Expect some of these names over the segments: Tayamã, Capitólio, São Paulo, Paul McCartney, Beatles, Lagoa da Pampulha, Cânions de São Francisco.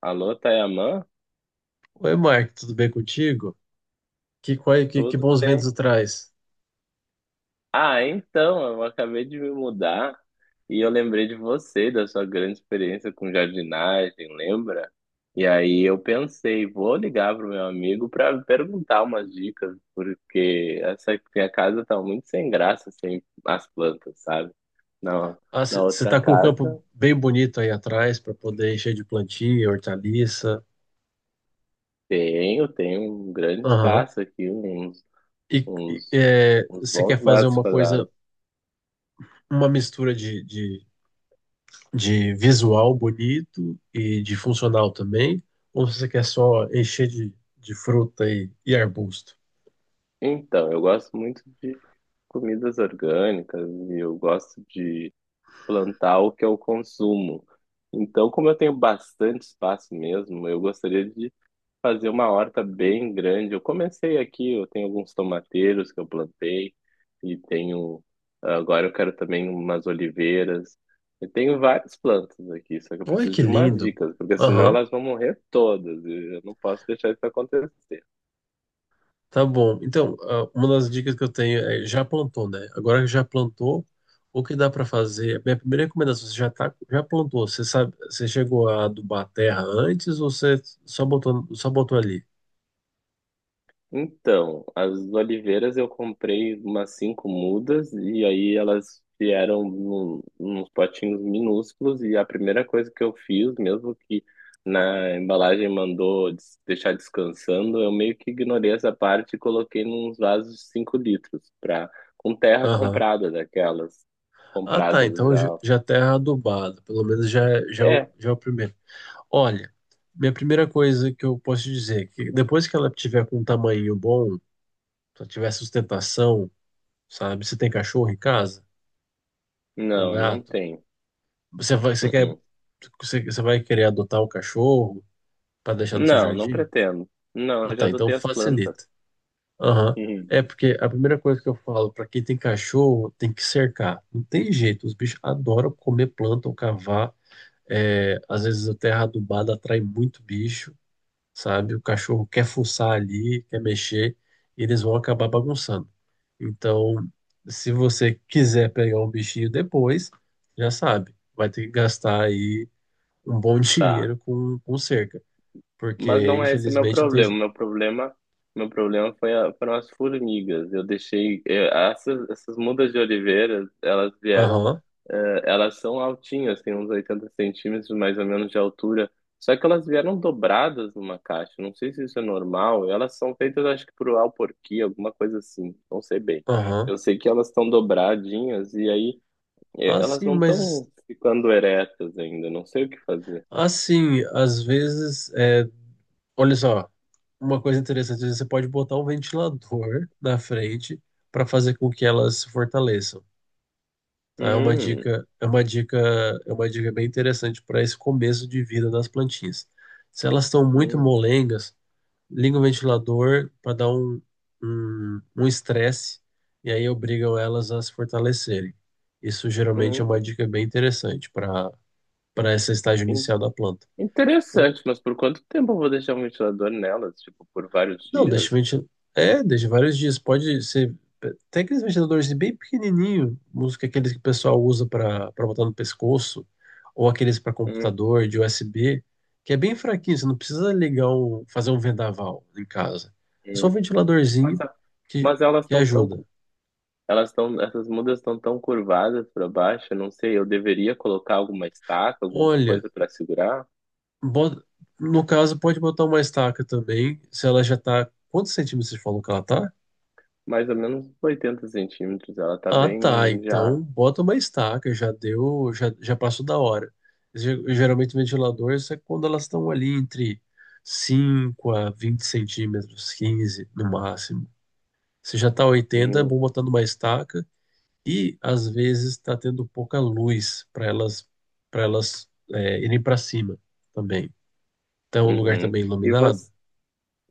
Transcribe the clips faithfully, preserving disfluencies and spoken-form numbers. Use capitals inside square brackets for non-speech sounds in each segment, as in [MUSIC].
Alô, Tayamã? Oi, Mark, tudo bem contigo? Que, quai- que, que Tudo bons ventos bem? traz. Ah, então, eu acabei de me mudar e eu lembrei de você, da sua grande experiência com jardinagem, lembra? E aí eu pensei, vou ligar pro meu amigo para perguntar umas dicas, porque essa minha casa tá muito sem graça sem as plantas, sabe? Na, Ah, na você outra tá com um campo casa bem bonito aí atrás para poder encher de plantio, hortaliça. tenho, tenho um grande Aham. espaço aqui, uns, E uns, uns você quer bons fazer metros uma coisa, quadrados. uma mistura de, de, de visual bonito e de funcional também? Ou você quer só encher de, de fruta e, e arbusto? Então, eu gosto muito de comidas orgânicas e eu gosto de plantar o que eu consumo. Então, como eu tenho bastante espaço mesmo, eu gostaria de fazer uma horta bem grande. Eu comecei aqui, eu tenho alguns tomateiros que eu plantei e tenho agora eu quero também umas oliveiras. Eu tenho várias plantas aqui, só que eu Olha preciso que de umas lindo. dicas, porque senão elas vão morrer todas. e Eu não posso deixar isso acontecer. Tá bom. Então, ah, uma das dicas que eu tenho é já plantou, né? Agora que já plantou, o que dá para fazer? Minha primeira recomendação, você já tá, já plantou, você sabe, você chegou a adubar a terra antes ou você só botou, só botou ali? Então, as oliveiras eu comprei umas cinco mudas e aí elas vieram num, nos potinhos minúsculos, e a primeira coisa que eu fiz, mesmo que na embalagem mandou des- deixar descansando, eu meio que ignorei essa parte e coloquei nos vasos de cinco litros pra, com terra Aham. comprada, daquelas Ah, tá, compradas então já já. já terra adubada, pelo menos já já é o- É, já é o primeiro. Olha, minha primeira coisa que eu posso te dizer, é que depois que ela tiver com um tamanho bom, se ela tiver sustentação, sabe? Você tem cachorro em casa ou não, eu não gato? tenho. Você vai, você quer, Uh-uh. você, você vai querer adotar o cachorro para deixar no seu Não, não jardim? pretendo. Não, Ah, eu já tá, então adotei as plantas. facilita. Aham. É porque a primeira coisa que eu falo para quem tem cachorro tem que cercar. Não tem jeito, os bichos adoram comer planta ou cavar. É, às vezes a terra adubada atrai muito bicho, sabe? O cachorro quer fuçar ali, quer mexer, e eles vão acabar bagunçando. Então, se você quiser pegar um bichinho depois, já sabe, vai ter que gastar aí um bom [LAUGHS] [LAUGHS] Tá. dinheiro com, com cerca, Mas porque não é esse meu infelizmente não tem problema. jeito. Meu problema, meu problema foi a, foram as formigas. Eu deixei eh, essas, essas mudas de oliveira, elas vieram, Aham, eh, elas são altinhas, têm uns oitenta centímetros mais ou menos de altura. Só que elas vieram dobradas numa caixa. Não sei se isso é normal. Elas são feitas, acho que por alporquia, alguma coisa assim. Não sei bem. aham. Eu sei que elas estão dobradinhas e aí eh, elas Assim, não mas estão ficando eretas ainda. Não sei o que fazer. assim, às vezes, é, olha só, uma coisa interessante, às vezes você pode botar um ventilador na frente para fazer com que elas se fortaleçam. Tá? É uma Hum, dica, é uma dica, é uma dica bem interessante para esse começo de vida das plantinhas. Se elas estão muito hum. molengas, liga o ventilador para dar um um um estresse e aí obrigam elas a se fortalecerem. Isso geralmente é uma Hum, dica bem interessante para para esse estágio In- inicial da planta. Ou Interessante, mas por quanto tempo eu vou deixar um ventilador nelas? Tipo, por vários Não, deixa o dias? ventilador. É, deixa vários dias. Pode ser. Tem aqueles ventiladores bem pequenininho, uns que aqueles que o pessoal usa para para botar no pescoço, ou aqueles para Hum, computador de U S B, que é bem fraquinho. Você não precisa ligar um, fazer um vendaval em casa. É só um hum. ventiladorzinho Mas, a- que, mas elas que estão tão, tão ajuda. cu- elas estão, essas mudas estão tão curvadas para baixo, eu não sei, eu deveria colocar alguma estaca, alguma Olha, coisa para segurar? bota- no caso, pode botar uma estaca também, se ela já tá. Quantos centímetros você falou que ela tá? Mais ou menos oitenta centímetros, ela tá Ah, tá. bem já. Então bota uma estaca, já deu, já, já passou da hora. Ge- Geralmente ventiladores é quando elas estão ali entre cinco a vinte centímetros, quinze no máximo. Se já tá oitenta, é Hum, bom botando uma estaca e às vezes está tendo pouca luz para elas para elas é, irem para cima também. Então o lugar uhum. também E iluminado. você,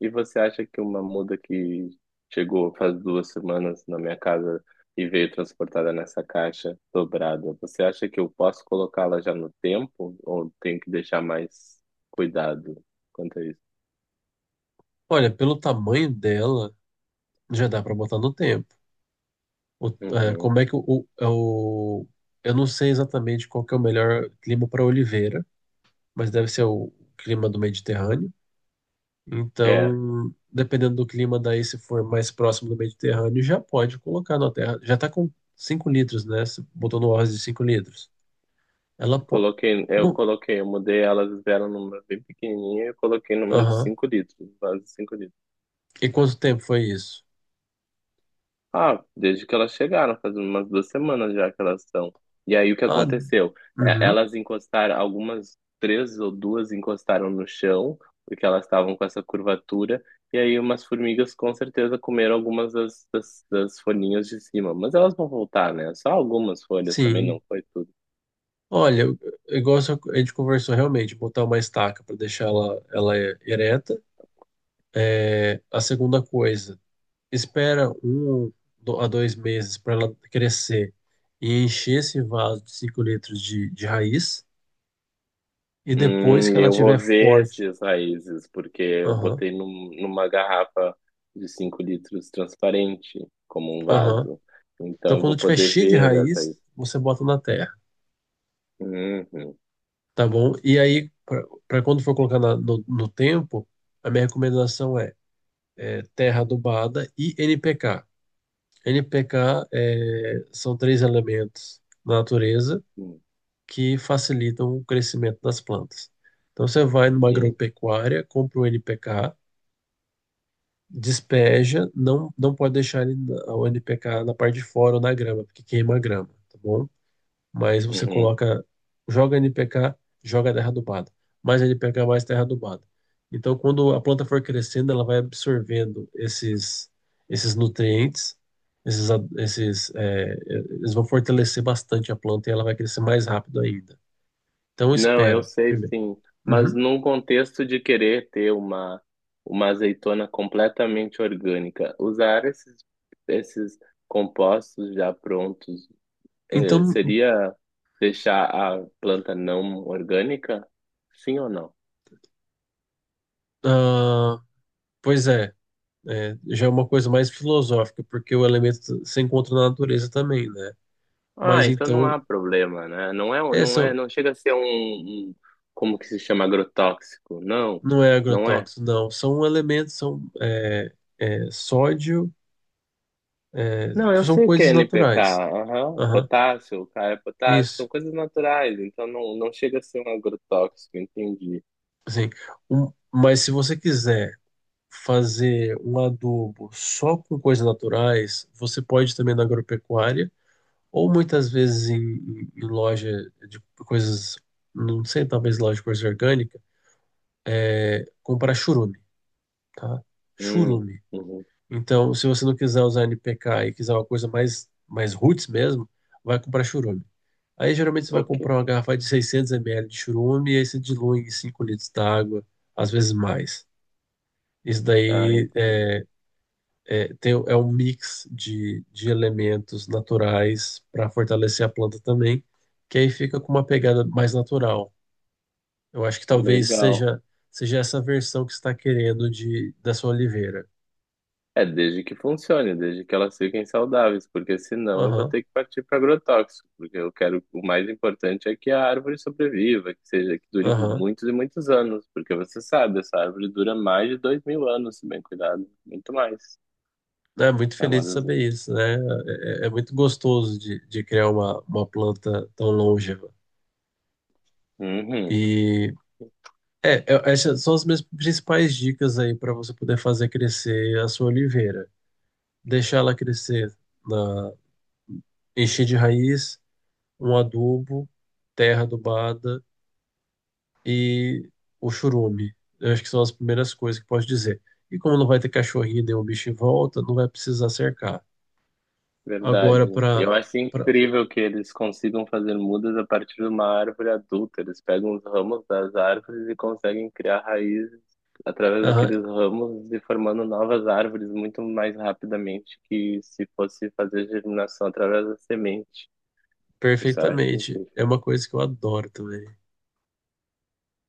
E você acha que uma muda que chegou faz duas semanas na minha casa e veio transportada nessa caixa dobrada, você acha que eu posso colocá-la já no tempo ou tenho que deixar mais cuidado quanto a isso? Olha, pelo tamanho dela, já dá para botar no tempo. O- é, Uhum. como é que o, o- é o-. Eu não sei exatamente qual que é o melhor clima para oliveira, mas deve ser o clima do Mediterrâneo. É, Então, dependendo do clima daí, se for mais próximo do Mediterrâneo, já pode colocar na terra. Já está com cinco litros, né? Você botou no arroz de cinco litros. Ela pode. coloquei, eu coloquei, eu mudei, elas vieram numa bem pequenininha e eu coloquei numa de Aham. cinco litros, quase cinco. E quanto tempo foi isso? Ah, desde que elas chegaram, faz umas duas semanas já que elas estão. E aí o que Ah, aconteceu? É, uhum. Elas encostaram, algumas três ou duas encostaram no chão, porque elas estavam com essa curvatura, e aí umas formigas com certeza comeram algumas das, das, das folhinhas de cima. Mas elas vão voltar, né? Só algumas folhas também, Sim. não foi. Olha, eu- eu gosto a gente conversou realmente, botar uma estaca para deixar ela, ela ereta. É, a segunda coisa, espera um do- a dois meses para ela crescer e encher esse vaso de cinco litros de, de raiz. E depois que Hum, ela eu vou tiver ver forte, esses raízes, porque eu aham, botei num- numa garrafa de cinco litros transparente, como um aham. vaso. Então, Então eu vou quando tiver poder cheio de ver as raiz, raízes. você bota na terra, Uhum, tá bom? E aí, para quando for colocar na- no, no tempo, a minha recomendação é, é terra adubada e N P K. N P K é, são três elementos na natureza uhum, que facilitam o crescimento das plantas. Então você vai numa sim, agropecuária, compra um N P K, despeja, não, não pode deixar ele, na- o N P K na parte de fora ou na grama, porque queima a grama, tá bom? Mas você uhum. coloca, joga N P K, joga terra adubada, mais N P K, mais terra adubada. Então quando a planta for crescendo, ela vai absorvendo esses, esses nutrientes, esses, a- esses, é, eles vão fortalecer bastante a planta e ela vai crescer mais rápido ainda. Então Não, eu espera, sei primeiro. sim, mas Uhum. num contexto de querer ter uma, uma azeitona completamente orgânica, usar esses, esses compostos já prontos, eh, Então, seria deixar a planta não orgânica? Sim ou não? ah, pois é, é, já é uma coisa mais filosófica, porque o elemento se encontra na natureza também, né? Ah, Mas então não então, há problema, né? Não é, um, não essa é, não chega a ser um, um- como que se chama, agrotóxico. Não, não é não é. agrotóxico, não. São elementos, são é, é, sódio, é, Não, eu são sei que é coisas N P K, naturais. aham, Aham, potássio, K é potássio, isso. são coisas naturais, então não, não chega a ser um agrotóxico, entendi. Assim, um- mas se você quiser fazer um adubo só com coisas naturais, você pode também na agropecuária ou muitas vezes em, em- em loja de coisas, não sei, talvez loja de coisa orgânica, comprar churume, tá? Hum, Churume. uhum, Então, se você não quiser usar N P K e quiser uma coisa mais, mais roots mesmo, vai comprar churume. Aí, geralmente, você vai ok. comprar uma garrafa de seiscentos mililitros de churume e aí você dilui em cinco litros d'água, às vezes mais. Isso Ah, daí entendi. é, é, tem, é um mix de, de elementos naturais para fortalecer a planta também, que aí fica com uma pegada mais natural. Eu acho que talvez Legal. seja, seja essa versão que você está querendo de, da sua oliveira. É, desde que funcione, desde que elas fiquem saudáveis, porque senão eu vou Aham, ter que partir para agrotóxico, porque eu quero, o mais importante é que a árvore sobreviva, que seja, que dure aham. muitos e muitos anos, porque você sabe, essa árvore dura mais de dois mil anos, se bem cuidado, muito mais. É muito É uma feliz de das... saber isso, né? É, é é muito gostoso de, de criar uma, uma planta tão longeva. Uhum. E é, eu- essas são as minhas principais dicas aí para você poder fazer crescer a sua oliveira. Deixar ela crescer na, enchi de raiz, um adubo, terra adubada e o churume. Eu acho que são as primeiras coisas que posso dizer. E como não vai ter cachorrinho nem o bicho em volta, não vai precisar cercar. Verdade. Agora, para. Eu acho incrível que eles consigam fazer mudas a partir de uma árvore adulta. Eles pegam os ramos das árvores e conseguem criar raízes através daqueles ramos e formando novas árvores muito mais rapidamente que se fosse fazer germinação através da semente. Isso eu acho Perfeitamente. incrível. É uma coisa que eu adoro também.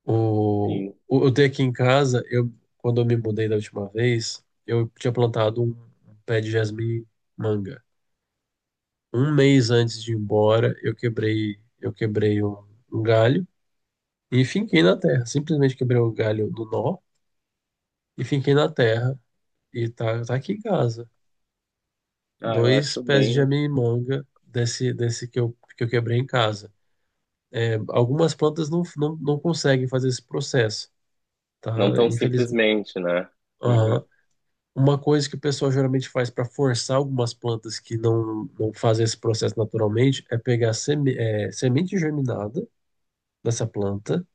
O, Sim. o, eu tenho aqui em casa, eu, quando eu me mudei da última vez, eu tinha plantado um, um pé de jasmim manga. Um mês antes de ir embora, eu quebrei, eu quebrei um um galho. E finquei na terra. Simplesmente quebrei o galho do nó e finquei na terra. E tá, tá aqui em casa. Ah, eu Dois acho pés de bem. jamimanga desse, desse que eu, que eu quebrei em casa. É, algumas plantas não, não, não conseguem fazer esse processo, tá? Não tão Infelizmente. simplesmente, né? Uhum. Aham. Uma coisa que o pessoal geralmente faz para forçar algumas plantas que não, não fazem esse processo naturalmente é pegar seme, é, semente germinada dessa planta,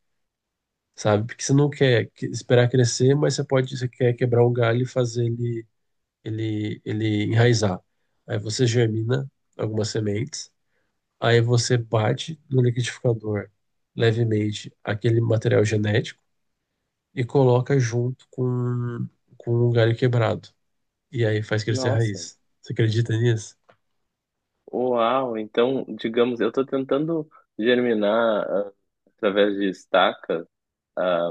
sabe? Porque você não quer que- esperar crescer, mas você pode, você quer quebrar o galho e fazer ele ele, ele enraizar. Aí você germina algumas sementes, aí você bate no liquidificador levemente aquele material genético e coloca junto com, com um galho quebrado. E aí faz crescer Nossa. raiz. Você acredita nisso? Uau, então, digamos, eu estou tentando germinar ah, através de estacas. ah,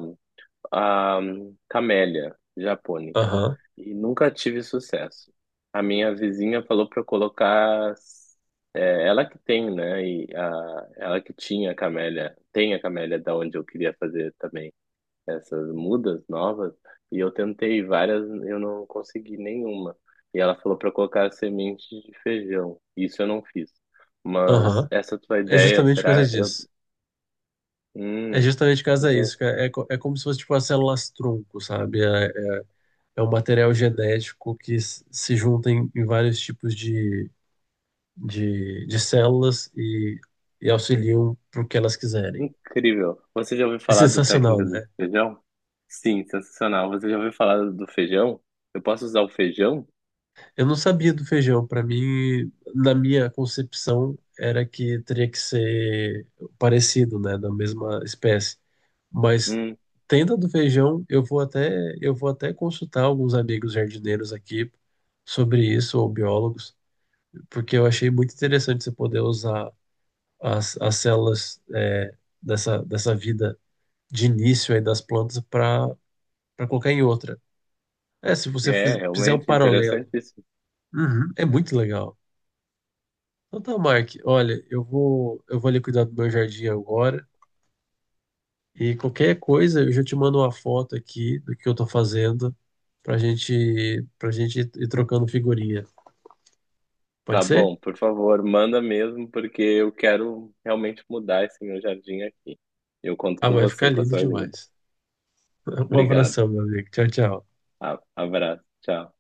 a camélia japônica, Aham, e nunca tive sucesso. A minha vizinha falou para eu colocar, é, ela que tem, né? E a, ela que tinha a camélia, tem a camélia da onde eu queria fazer também essas mudas novas. E eu tentei várias, eu não consegui nenhuma. E ela falou para colocar semente de feijão. Isso eu não fiz. Mas aham. essa tua É ideia, justamente por causa será? Eu, disso. É hum, justamente por causa disso, cara. É, co- é como se fosse tipo as células tronco, sabe? É, é é um material genético que s- se junta em, em vários tipos de de, de células e, e auxiliam para o que elas quiserem. Incrível. Você já ouviu É falar do sensacional, técnica do né? feijão? Sim, sensacional. Você já ouviu falar do feijão? Eu posso usar o feijão? Eu não sabia do feijão. Para mim, na minha concepção, era que teria que ser parecido, né, da mesma espécie. Mas Hum, tenda do feijão, eu vou até eu vou até consultar alguns amigos jardineiros aqui sobre isso ou biólogos, porque eu achei muito interessante você poder usar as, as células é, dessa dessa vida de início aí das plantas para para colocar em outra. É, se você é, fiz- fizer um realmente paralelo, interessantíssimo. uhum. É muito legal. Então tá, Mark, olha, eu vou, eu vou ali cuidar do meu jardim agora e qualquer coisa eu já te mando uma foto aqui do que eu tô fazendo pra gente, pra gente ir ir trocando figurinha. Tá Pode ser? bom, por favor, manda mesmo, porque eu quero realmente mudar esse meu jardim aqui. Eu conto Ah, com vai ficar você, com a lindo sua ajuda. demais. [LAUGHS] Um Obrigado. abração, meu amigo. Tchau, tchau. A- Abraço. Tchau.